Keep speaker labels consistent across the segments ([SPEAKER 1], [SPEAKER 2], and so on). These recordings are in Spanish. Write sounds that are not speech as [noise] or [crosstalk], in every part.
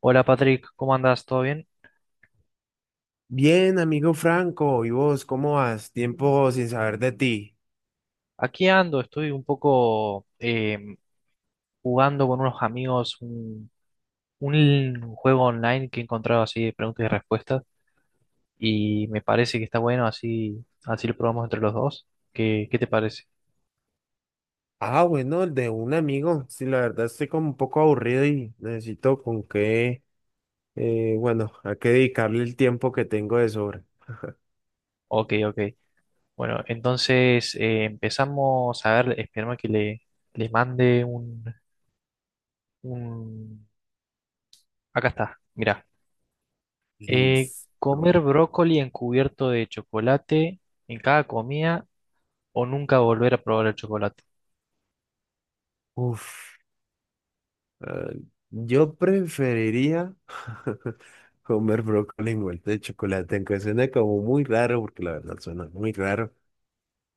[SPEAKER 1] Hola Patrick, ¿cómo andas? ¿Todo bien?
[SPEAKER 2] Bien, amigo Franco, ¿y vos cómo vas? Tiempo sin saber de ti.
[SPEAKER 1] Aquí ando, estoy un poco jugando con unos amigos un juego online que he encontrado así de preguntas y respuestas y me parece que está bueno, así lo probamos entre los dos. ¿Qué te parece?
[SPEAKER 2] Ah, bueno, el de un amigo. Sí, la verdad estoy como un poco aburrido y necesito a qué dedicarle el tiempo que tengo de sobra.
[SPEAKER 1] Ok, ok. Bueno, entonces empezamos a ver, esperemos que le mande un... Acá está, mira.
[SPEAKER 2] Listo.
[SPEAKER 1] Comer brócoli encubierto de chocolate en cada comida o nunca volver a probar el chocolate.
[SPEAKER 2] Uf, ah, yo preferiría [laughs] comer brócoli envuelto de chocolate, aunque suena como muy raro, porque la verdad suena muy raro.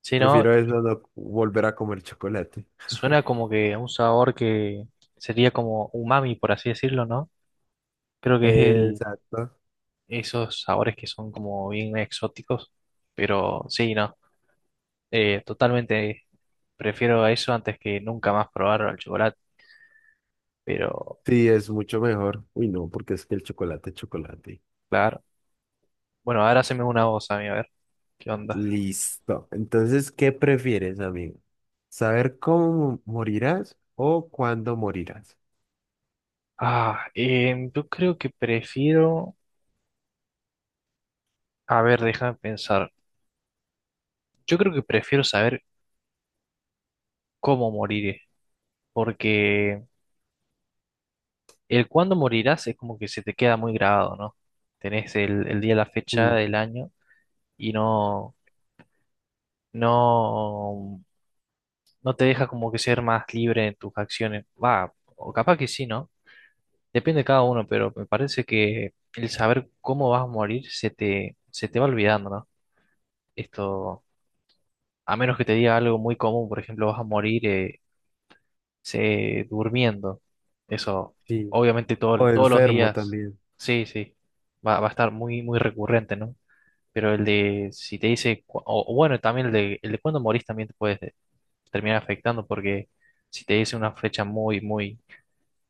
[SPEAKER 1] Si no,
[SPEAKER 2] Prefiero eso, no volver a comer chocolate.
[SPEAKER 1] suena como que un sabor que sería como umami, por así decirlo, ¿no? Creo que es
[SPEAKER 2] Exacto.
[SPEAKER 1] esos sabores que son como bien exóticos, pero sí, no, totalmente prefiero a eso antes que nunca más probar el chocolate, pero
[SPEAKER 2] Sí, es mucho mejor. Uy, no, porque es que el chocolate es chocolate.
[SPEAKER 1] claro. Bueno, ahora haceme una voz a mí, a ver, ¿qué onda?
[SPEAKER 2] Listo. Entonces, ¿qué prefieres, amigo? ¿Saber cómo morirás o cuándo morirás?
[SPEAKER 1] Ah, yo creo que prefiero, a ver, déjame pensar, yo creo que prefiero saber cómo moriré, porque el cuándo morirás es como que se te queda muy grabado, ¿no? Tenés el día, la fecha
[SPEAKER 2] Sí,
[SPEAKER 1] del año y no, no te deja como que ser más libre en tus acciones. Va, o capaz que sí, ¿no? Depende de cada uno, pero me parece que el saber cómo vas a morir se te va olvidando, ¿no? Esto, a menos que te diga algo muy común, por ejemplo, vas a morir durmiendo. Eso,
[SPEAKER 2] sí.
[SPEAKER 1] obviamente
[SPEAKER 2] O
[SPEAKER 1] todos los
[SPEAKER 2] enfermo
[SPEAKER 1] días,
[SPEAKER 2] también.
[SPEAKER 1] sí, sí, va a estar muy recurrente, ¿no? Pero el de, si te dice, o bueno, también el de cuándo morís también te puedes terminar afectando porque si te dice una fecha muy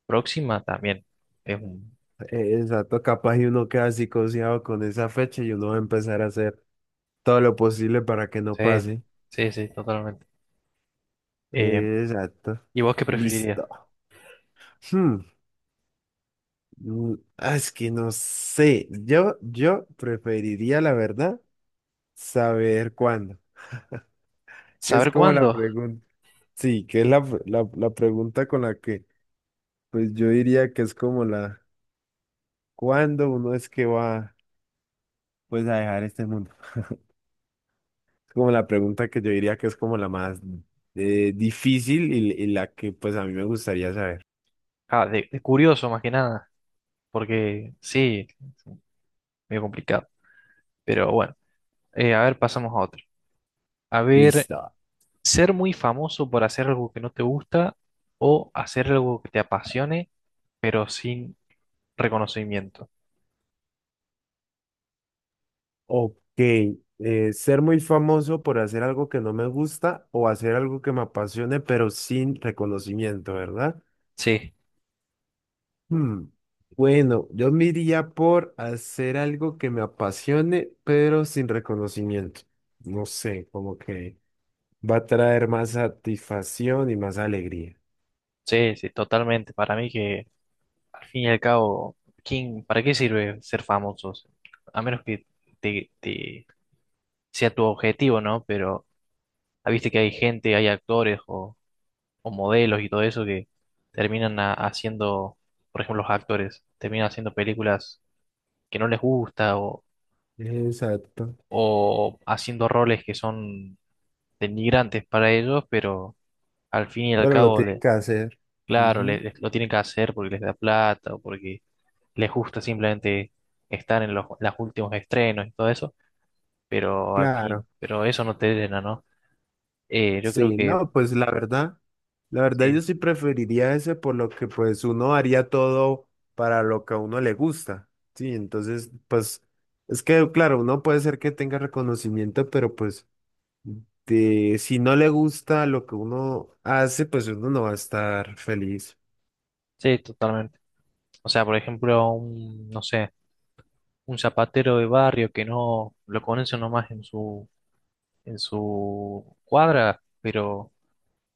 [SPEAKER 1] próxima, también es un...
[SPEAKER 2] Exacto, capaz y uno queda psicoseado con esa fecha y uno va a empezar a hacer todo lo posible para que no
[SPEAKER 1] Sí,
[SPEAKER 2] pase.
[SPEAKER 1] sí, sí, totalmente. Eh,
[SPEAKER 2] Exacto.
[SPEAKER 1] ¿Y vos qué preferirías?
[SPEAKER 2] Listo. Hmm, Es que no sé. Yo preferiría, la verdad, saber cuándo. Que es
[SPEAKER 1] ¿Saber
[SPEAKER 2] como la
[SPEAKER 1] cuándo?
[SPEAKER 2] pregunta. Sí, que es la pregunta con pues yo diría que es como la, ¿cuándo uno es que va, pues, a dejar este mundo? Es como la pregunta que yo diría que es como la más difícil y la que, pues, a mí me gustaría saber.
[SPEAKER 1] Ah, de curioso más que nada, porque sí, es medio complicado. Pero bueno, a ver, pasamos a otro. A ver,
[SPEAKER 2] Listo.
[SPEAKER 1] ser muy famoso por hacer algo que no te gusta o hacer algo que te apasione, pero sin reconocimiento.
[SPEAKER 2] Ok. Ser muy famoso por hacer algo que no me gusta o hacer algo que me apasione, pero sin reconocimiento, ¿verdad?
[SPEAKER 1] Sí,
[SPEAKER 2] Hmm, Bueno, yo me iría por hacer algo que me apasione, pero sin reconocimiento. No sé, como que va a traer más satisfacción y más alegría.
[SPEAKER 1] sí, sí, totalmente. Para mí que al fin y al cabo, ¿quién, para qué sirve ser famosos? A menos que te, te- sea tu objetivo, ¿no? Pero ah, viste que hay gente, hay actores o modelos y todo eso que terminan haciendo, por ejemplo, los actores terminan haciendo películas que no les gusta
[SPEAKER 2] Exacto.
[SPEAKER 1] o haciendo roles que son denigrantes para ellos, pero al fin y al
[SPEAKER 2] Pero lo
[SPEAKER 1] cabo,
[SPEAKER 2] tiene
[SPEAKER 1] le,
[SPEAKER 2] que hacer.
[SPEAKER 1] claro, le-
[SPEAKER 2] Ujú.
[SPEAKER 1] les- lo tienen que hacer porque les da plata o porque les gusta simplemente estar en los últimos estrenos y todo eso, pero al fin,
[SPEAKER 2] Claro.
[SPEAKER 1] pero eso no te llena, ¿no? Yo creo
[SPEAKER 2] Sí,
[SPEAKER 1] que
[SPEAKER 2] no, pues la verdad yo
[SPEAKER 1] sí,
[SPEAKER 2] sí preferiría ese por lo que pues uno haría todo para lo que a uno le gusta. Sí, entonces, pues es que claro, uno puede ser que tenga reconocimiento, pero pues... Este, si no le gusta lo que uno hace, pues uno no va a estar feliz.
[SPEAKER 1] sí, totalmente. O sea, por ejemplo, no sé, un zapatero de barrio que no lo conoce nomás en en su cuadra, pero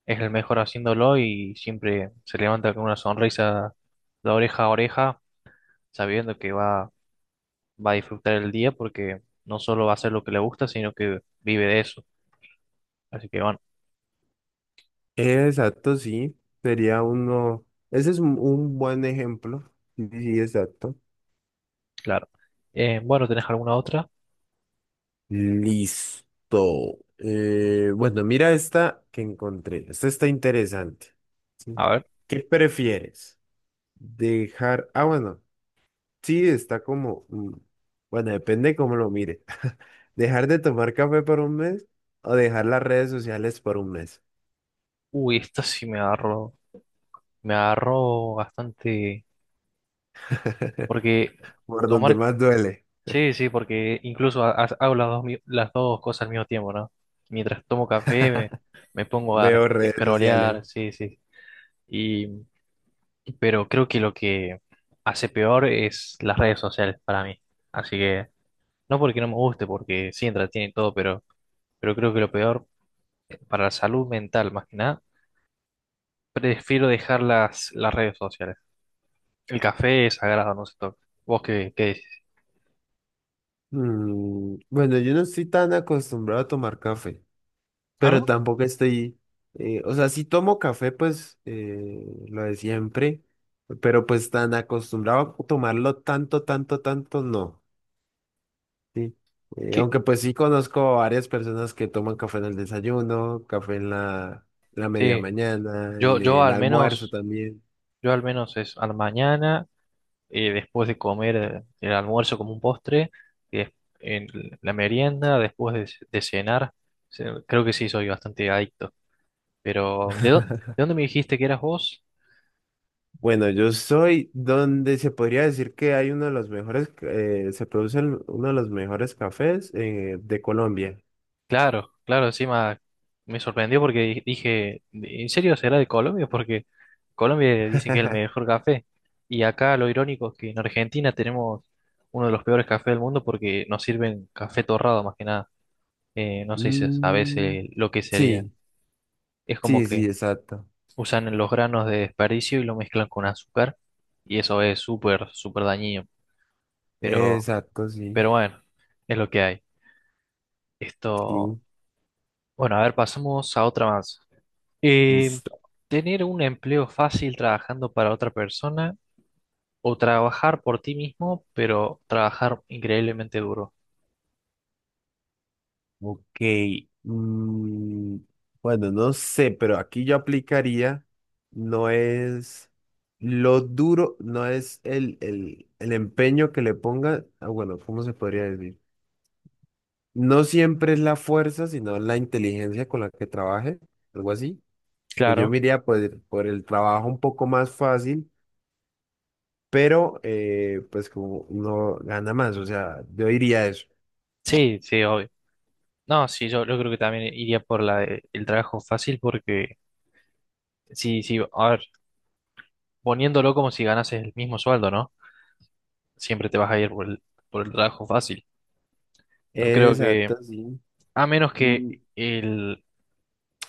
[SPEAKER 1] es el mejor haciéndolo y siempre se levanta con una sonrisa de oreja a oreja, sabiendo que va a disfrutar el día porque no solo va a hacer lo que le gusta, sino que vive de eso. Así que bueno.
[SPEAKER 2] Exacto, sí. Sería uno. Ese es un buen ejemplo. Sí, sí, exacto.
[SPEAKER 1] Claro. Bueno, ¿tenés alguna otra?
[SPEAKER 2] Listo. Bueno, mira esta que encontré. Esta está interesante.
[SPEAKER 1] A ver.
[SPEAKER 2] ¿Qué prefieres? Dejar. Ah, bueno. Sí, está como. Bueno, depende cómo lo mire. [laughs] ¿Dejar de tomar café por un mes o dejar las redes sociales por un mes?
[SPEAKER 1] Uy, esta sí me agarró. Me agarró bastante. Porque
[SPEAKER 2] Por donde
[SPEAKER 1] tomar.
[SPEAKER 2] más duele.
[SPEAKER 1] Sí, sí, porque incluso hago las dos, las dos cosas al mismo tiempo, ¿no? Mientras tomo café me pongo a
[SPEAKER 2] Veo redes sociales.
[SPEAKER 1] scrollear, sí, sí. Y, pero creo que lo que hace peor es las redes sociales para mí. Así que, no porque no me guste, porque sí entretiene y todo, pero creo que lo peor para la salud mental, más que nada prefiero dejar las redes sociales. El café es sagrado, no se toca. ¿Vos qué decís?
[SPEAKER 2] Mm, bueno, yo no estoy tan acostumbrado a tomar café,
[SPEAKER 1] Ah,
[SPEAKER 2] pero
[SPEAKER 1] ¿no?
[SPEAKER 2] tampoco estoy, o sea, si tomo café, pues lo de siempre, pero pues tan acostumbrado a tomarlo tanto, tanto, tanto, no. ¿Sí?
[SPEAKER 1] ¿Qué?
[SPEAKER 2] Aunque pues sí conozco varias personas que toman café en el desayuno, café en la media
[SPEAKER 1] Sí,
[SPEAKER 2] mañana,
[SPEAKER 1] yo,
[SPEAKER 2] en
[SPEAKER 1] yo
[SPEAKER 2] el
[SPEAKER 1] al
[SPEAKER 2] almuerzo
[SPEAKER 1] menos,
[SPEAKER 2] también.
[SPEAKER 1] yo al menos es a la mañana, después de comer el almuerzo como un postre, y des- en la merienda, después de, de cenar. Creo que sí, soy bastante adicto. Pero, ¿de dónde me dijiste que eras vos?
[SPEAKER 2] Bueno, yo soy donde se podría decir que hay uno de los mejores, uno de los mejores cafés de Colombia.
[SPEAKER 1] Claro, claro, encima me sorprendió porque dije, ¿en serio será de Colombia? Porque Colombia dicen que es el
[SPEAKER 2] [laughs]
[SPEAKER 1] mejor café. Y acá lo irónico es que en Argentina tenemos uno de los peores cafés del mundo porque nos sirven café torrado más que nada. No sé si sabes
[SPEAKER 2] Mm,
[SPEAKER 1] veces lo que sería.
[SPEAKER 2] sí,
[SPEAKER 1] Es como
[SPEAKER 2] sí, sí,
[SPEAKER 1] que
[SPEAKER 2] exacto.
[SPEAKER 1] usan los granos de desperdicio y lo mezclan con azúcar y eso es súper, súper dañino. Pero,
[SPEAKER 2] Exacto, sí,
[SPEAKER 1] pero bueno, es lo que hay. Esto,
[SPEAKER 2] sí,
[SPEAKER 1] bueno, a ver, pasamos a otra más. Eh,
[SPEAKER 2] listo.
[SPEAKER 1] Tener un empleo fácil trabajando para otra persona o trabajar por ti mismo, pero trabajar increíblemente duro.
[SPEAKER 2] Ok. mm, bueno, no sé, pero aquí yo aplicaría, no es lo duro, no es el empeño que le ponga, ah, bueno, ¿cómo se podría decir? No siempre es la fuerza, sino la inteligencia con la que trabaje, algo así. Pues yo me
[SPEAKER 1] Claro,
[SPEAKER 2] iría por el trabajo un poco más fácil, pero pues como uno gana más, o sea, yo diría eso.
[SPEAKER 1] sí, sí, obvio. No, sí, yo creo que también iría por el trabajo fácil porque, sí, sí, a ver, poniéndolo como si ganases el mismo sueldo, ¿no? Siempre te vas a ir por por el trabajo fácil. No creo que,
[SPEAKER 2] Exacto, sí.
[SPEAKER 1] a menos que
[SPEAKER 2] Mm,
[SPEAKER 1] el,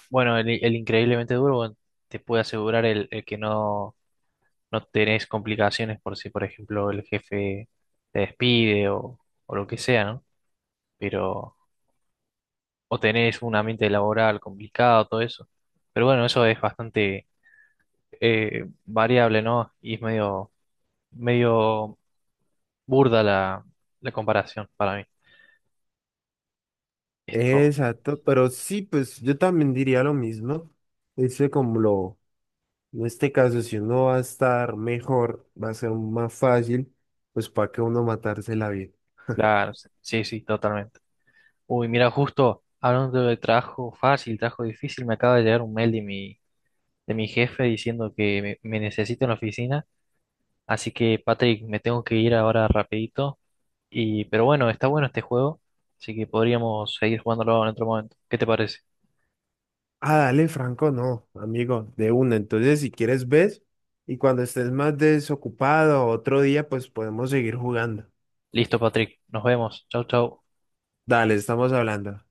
[SPEAKER 1] el increíblemente duro bueno, te puede asegurar el que no no tenés complicaciones por si, por ejemplo, el jefe te despide o lo que sea, ¿no? Pero, o tenés un ambiente laboral complicado, todo eso. Pero bueno, eso es bastante variable, ¿no? Y es medio burda la comparación para mí. Esto,
[SPEAKER 2] Exacto, pero sí, pues yo también diría lo mismo. Dice como lo, en este caso, si uno va a estar mejor, va a ser más fácil, pues para que uno matarse la vida.
[SPEAKER 1] claro, sí, sí, sí, totalmente. Uy, mira, justo hablando de trabajo fácil, trabajo difícil, me acaba de llegar un mail de de mi jefe diciendo que me necesita en la oficina. Así que, Patrick, me tengo que ir ahora rapidito. Y, pero bueno, está bueno este juego, así que podríamos seguir jugándolo en otro momento. ¿Qué te parece?
[SPEAKER 2] Ah, dale, Franco, no, amigo, de una. Entonces, si quieres, ves y cuando estés más desocupado otro día, pues podemos seguir jugando.
[SPEAKER 1] Listo, Patrick. Nos vemos. Chau, chau.
[SPEAKER 2] Dale, estamos hablando.